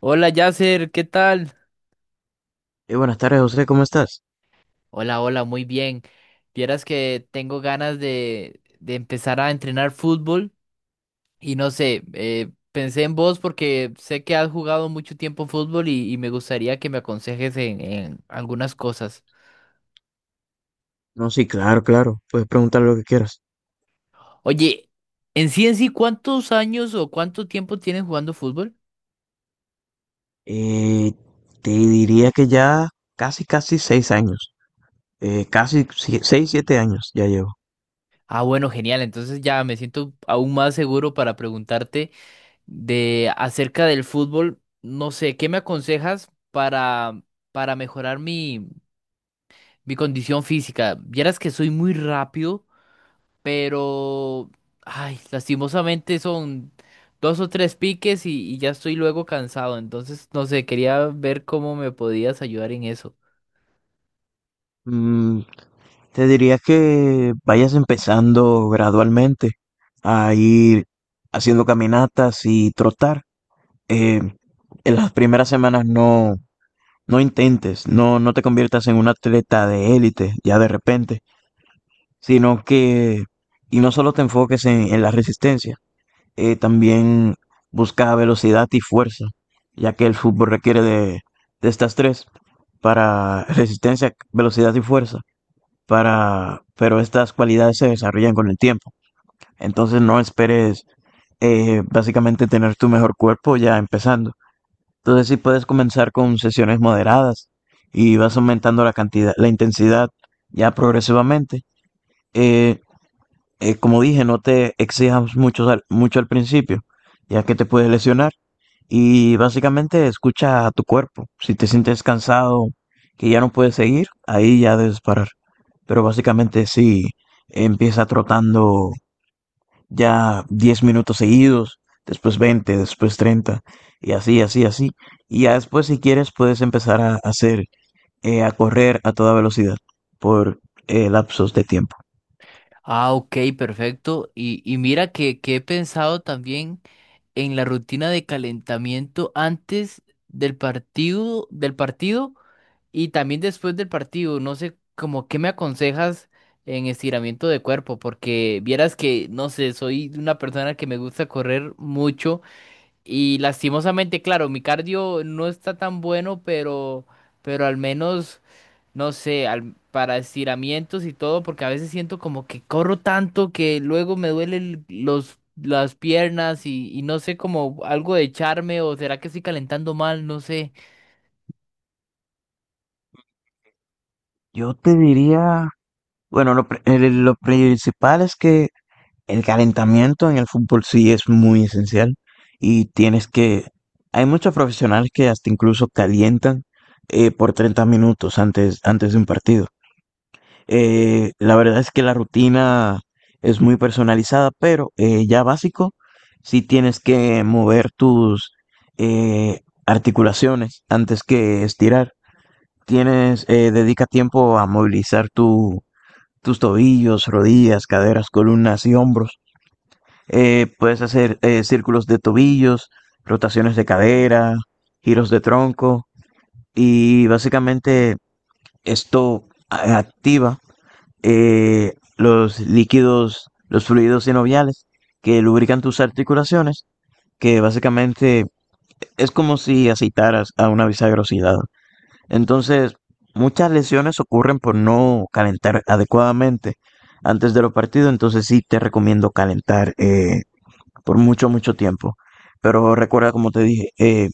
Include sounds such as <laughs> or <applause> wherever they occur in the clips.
Hola Yasser, ¿qué tal? Buenas tardes, José, ¿cómo estás? Hola, hola, muy bien. Vieras que tengo ganas de empezar a entrenar fútbol y no sé, pensé en vos porque sé que has jugado mucho tiempo fútbol y me gustaría que me aconsejes en algunas cosas. No, sí, claro, claro, puedes preguntar lo que quieras. Oye, en sí, ¿cuántos años o cuánto tiempo tienes jugando fútbol? Eh, te diría que ya casi, casi 6 años, casi 6, 7 años ya llevo. Ah, bueno, genial, entonces ya me siento aún más seguro para preguntarte. De acerca del fútbol. No sé, ¿qué me aconsejas para mejorar mi condición física? Vieras que soy muy rápido, pero, ay, lastimosamente son dos o tres piques y ya estoy luego cansado. Entonces, no sé, quería ver cómo me podías ayudar en eso. Mm, te diría que vayas empezando gradualmente a ir haciendo caminatas y trotar. Eh, en las primeras semanas no intentes, no te conviertas en un atleta de élite ya de repente. sino que, y no solo te enfoques en la resistencia, también busca velocidad y fuerza, ya que el fútbol requiere de estas tres, para resistencia, velocidad y fuerza, pero estas cualidades se desarrollan con el tiempo. Entonces no esperes básicamente tener tu mejor cuerpo ya empezando. Entonces sí puedes comenzar con sesiones moderadas y vas aumentando la cantidad, la intensidad ya progresivamente. Eh, como dije, no te exijas mucho al principio, ya que te puedes lesionar. Y básicamente escucha a tu cuerpo. Si te sientes cansado, que ya no puedes seguir, ahí ya debes parar. Pero básicamente si empieza trotando ya 10 minutos seguidos, después 20, después 30, y así, así, así. Y ya después si quieres puedes empezar a hacer, a correr a toda velocidad por lapsos de tiempo. Ah, ok, perfecto. Y mira que he pensado también en la rutina de calentamiento antes del partido, del partido. Y también después del partido, no sé, como qué me aconsejas en estiramiento de cuerpo, porque vieras que, no sé, soy una persona que me gusta correr mucho y lastimosamente, claro, mi cardio no está tan bueno, pero al menos, no sé, para estiramientos y todo, porque a veces siento como que corro tanto que luego me duelen las piernas y no sé, como algo de echarme o será que estoy calentando mal, no sé. Yo te diría. Bueno, lo principal es que el calentamiento en el fútbol sí es muy esencial, y hay muchos profesionales que hasta incluso calientan por 30 minutos antes de un partido. La verdad es que la rutina es muy personalizada, pero ya básico, sí tienes que mover tus eh, articulaciones antes que estirar. Dedica tiempo a movilizar tu tus tobillos, rodillas, caderas, columnas y hombros. Puedes hacer círculos de tobillos, rotaciones de cadera, giros de tronco, y básicamente esto activa los líquidos, los fluidos sinoviales que lubrican tus articulaciones, que básicamente es como si aceitaras a una bisagra oxidada. Entonces, muchas lesiones ocurren por no calentar adecuadamente antes de los partidos. Entonces sí te recomiendo calentar por mucho, mucho tiempo. Pero recuerda, como te dije,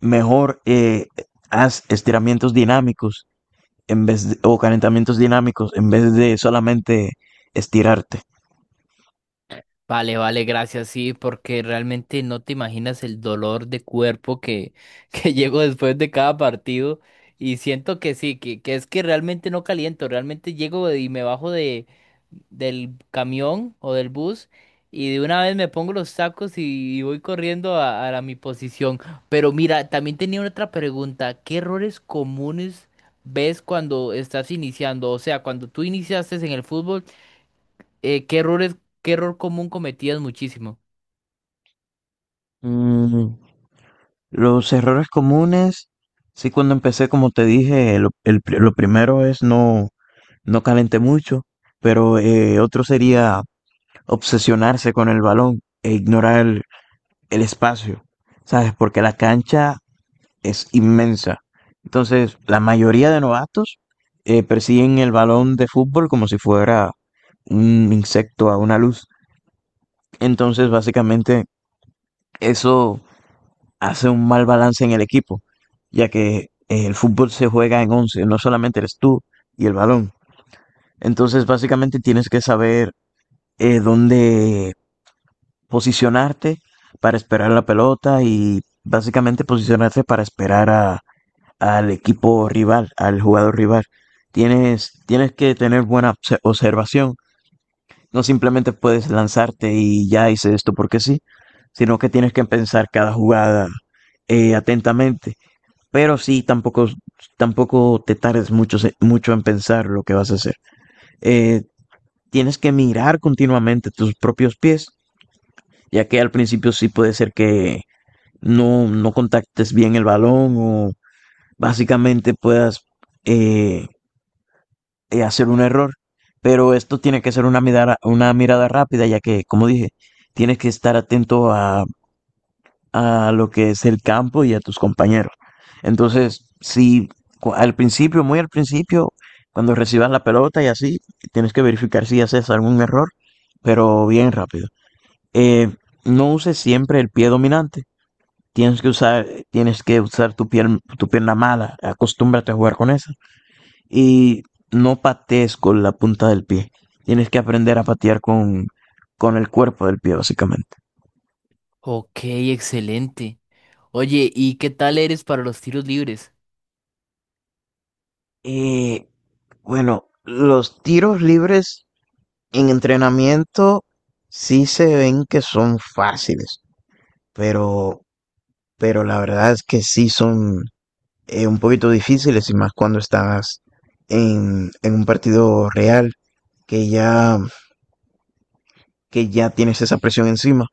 mejor haz estiramientos dinámicos o calentamientos dinámicos en vez de solamente estirarte. Vale, vale, gracias, sí, porque realmente no te imaginas el dolor de cuerpo que, <laughs> que llego después de cada partido y siento que sí, que es que realmente no caliento, realmente llego y me bajo del camión o del bus y de una vez me pongo los sacos y voy corriendo a mi posición. Pero mira, también tenía otra pregunta, ¿qué errores comunes ves cuando estás iniciando? O sea, cuando tú iniciaste en el fútbol… ¿qué errores, qué error común cometías muchísimo? Mm, los errores comunes, sí, cuando empecé, como te dije, lo primero es no calenté mucho, pero otro sería obsesionarse con el balón e ignorar el espacio, ¿sabes? Porque la cancha es inmensa. Entonces, la mayoría de novatos persiguen el balón de fútbol como si fuera un insecto a una luz. Entonces, básicamente, eso hace un mal balance en el equipo, ya que el fútbol se juega en 11, no solamente eres tú y el balón. Entonces, básicamente, tienes que saber dónde posicionarte para esperar la pelota, y básicamente posicionarte para esperar al equipo rival, al jugador rival. Tienes que tener buena observación. No simplemente puedes lanzarte y ya hice esto porque sí, sino que tienes que pensar cada jugada atentamente. Pero sí, tampoco te tardes mucho en pensar lo que vas a hacer. Eh, tienes que mirar continuamente tus propios pies, ya que al principio sí puede ser que no contactes bien el balón o básicamente puedas eh, hacer un error. Pero esto tiene que ser una mirada rápida, ya que, como dije, tienes que estar atento a lo que es el campo y a tus compañeros. Entonces, si al principio, muy al principio, cuando recibas la pelota y así, tienes que verificar si haces algún error, pero bien rápido. Eh, no uses siempre el pie dominante. Tienes que usar tu pierna mala, acostúmbrate a jugar con esa. Y no patees con la punta del pie. Tienes que aprender a patear con el cuerpo del pie, básicamente. Ok, excelente. Oye, ¿y qué tal eres para los tiros libres? Y bueno, los tiros libres en entrenamiento sí se ven que son fáciles, pero, pero la verdad es que sí son un poquito difíciles, y más cuando estás en un partido real, que ya que ya tienes esa presión encima.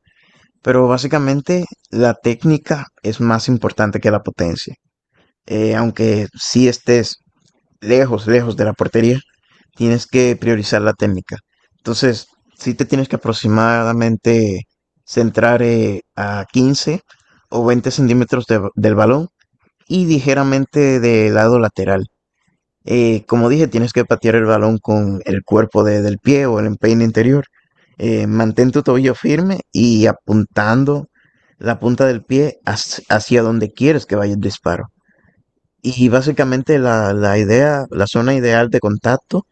Pero básicamente la técnica es más importante que la potencia. Aunque si estés lejos, lejos de la portería, tienes que priorizar la técnica. Entonces, si te tienes que aproximadamente centrar a 15 o 20 centímetros del balón, y ligeramente del lado lateral. Como dije, tienes que patear el balón con el cuerpo del pie o el empeine interior. Mantén tu tobillo firme y apuntando la punta del pie hacia donde quieres que vaya el disparo. Y básicamente la zona ideal de contacto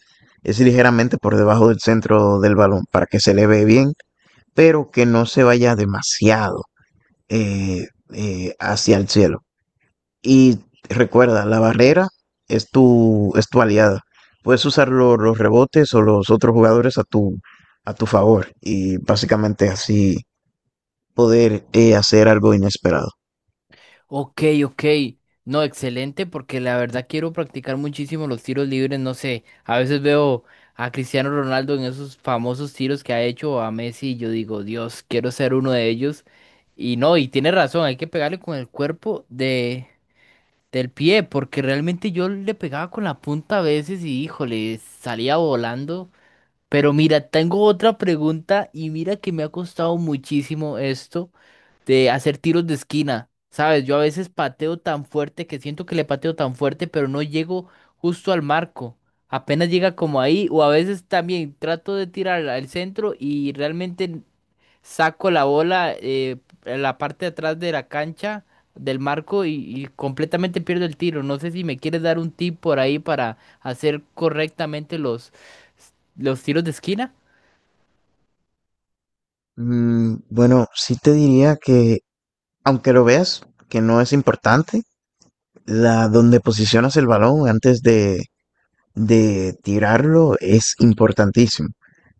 es ligeramente por debajo del centro del balón para que se eleve bien, pero que no se vaya demasiado eh, hacia el cielo. Y recuerda, la barrera es tu aliada. Puedes usar los rebotes o los otros jugadores a tu favor, y básicamente así poder hacer algo inesperado. Ok, ok. No, excelente, porque la verdad quiero practicar muchísimo los tiros libres. No sé, a veces veo a Cristiano Ronaldo en esos famosos tiros que ha hecho o a Messi y yo digo, Dios, quiero ser uno de ellos. Y no, y tiene razón, hay que pegarle con el cuerpo del pie, porque realmente yo le pegaba con la punta a veces y híjole, salía volando. Pero mira, tengo otra pregunta y mira que me ha costado muchísimo esto de hacer tiros de esquina. Sabes, yo a veces pateo tan fuerte que siento que le pateo tan fuerte, pero no llego justo al marco. Apenas llega como ahí, o a veces también trato de tirar al centro y realmente saco la bola en la parte de atrás de la cancha, del marco, y completamente pierdo el tiro. No sé si me quieres dar un tip por ahí para hacer correctamente los tiros de esquina. Bueno, sí te diría que, aunque lo veas, que no es importante, la donde posicionas el balón antes de tirarlo es importantísimo,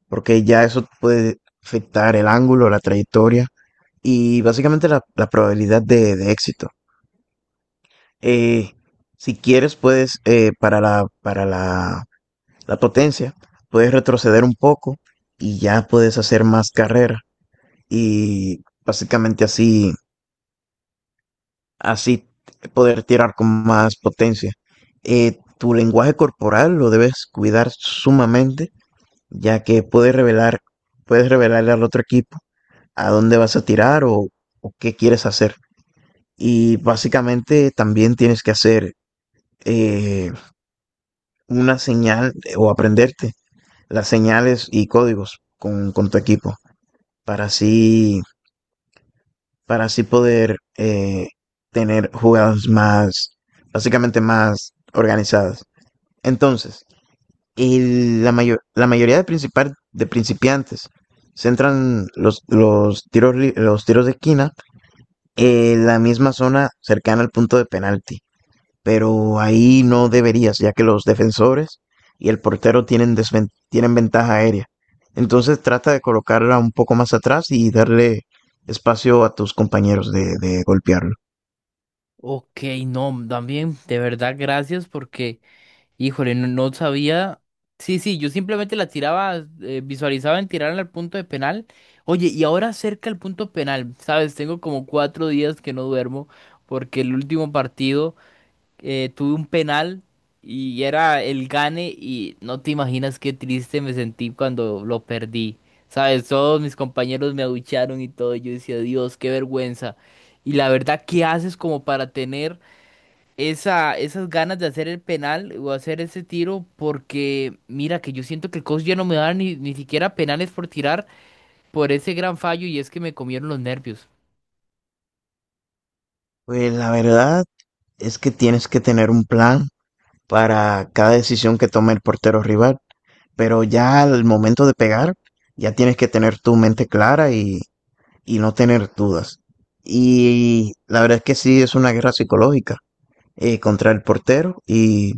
porque ya eso puede afectar el ángulo, la trayectoria y básicamente la probabilidad de éxito. Eh, si quieres, puedes, para la potencia, puedes retroceder un poco y ya puedes hacer más carrera, y básicamente así, así poder tirar con más potencia. Tu lenguaje corporal lo debes cuidar sumamente, ya que puedes revelarle al otro equipo a dónde vas a tirar, o qué quieres hacer. Y básicamente también tienes que hacer eh, una señal, o aprenderte las señales y códigos con tu equipo, para así, para así poder tener jugadas básicamente más organizadas. Entonces, la mayoría de principiantes centran los tiros de esquina en la misma zona cercana al punto de penalti. Pero ahí no deberías, ya que los defensores y el portero tienen ventaja aérea. Entonces trata de colocarla un poco más atrás y darle espacio a tus compañeros de golpearlo. Ok, no, también, de verdad, gracias porque, híjole, no, no sabía. Sí, sí, yo simplemente la tiraba, visualizaba en tirarla al punto de penal. Oye, y ahora cerca al punto penal, ¿sabes? Tengo como cuatro días que no duermo porque el último partido. Tuve un penal y era el gane y no te imaginas qué triste me sentí cuando lo perdí. Sabes, todos mis compañeros me abuchearon y todo, y yo decía, Dios, qué vergüenza. Y la verdad, ¿qué haces como para tener esas ganas de hacer el penal o hacer ese tiro? Porque mira que yo siento que el coach ya no me da ni siquiera penales por tirar por ese gran fallo y es que me comieron los nervios. Pues la verdad es que tienes que tener un plan para cada decisión que tome el portero rival, pero ya al momento de pegar, ya tienes que tener tu mente clara y no tener dudas. Y la verdad es que sí es una guerra psicológica contra el portero, y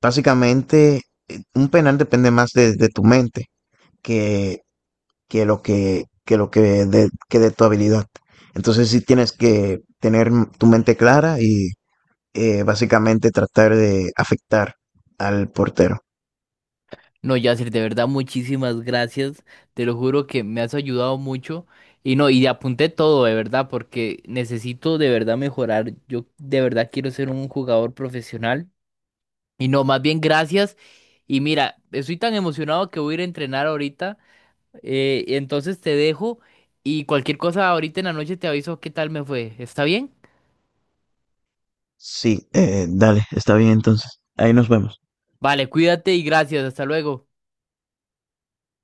básicamente un penal depende más de tu mente que, que lo que, que lo que que de tu habilidad. Entonces sí tienes que tener tu mente clara y básicamente tratar de afectar al portero. No, Yacir, de verdad, muchísimas gracias. Te lo juro que me has ayudado mucho. Y no, y apunté todo, de verdad, porque necesito de verdad mejorar. Yo de verdad quiero ser un jugador profesional. Y no, más bien gracias. Y mira, estoy tan emocionado que voy a ir a entrenar ahorita. Entonces te dejo y cualquier cosa ahorita en la noche te aviso qué tal me fue. ¿Está bien? Sí, dale, está bien entonces. Ahí nos vemos. Vale, cuídate y gracias. Hasta luego.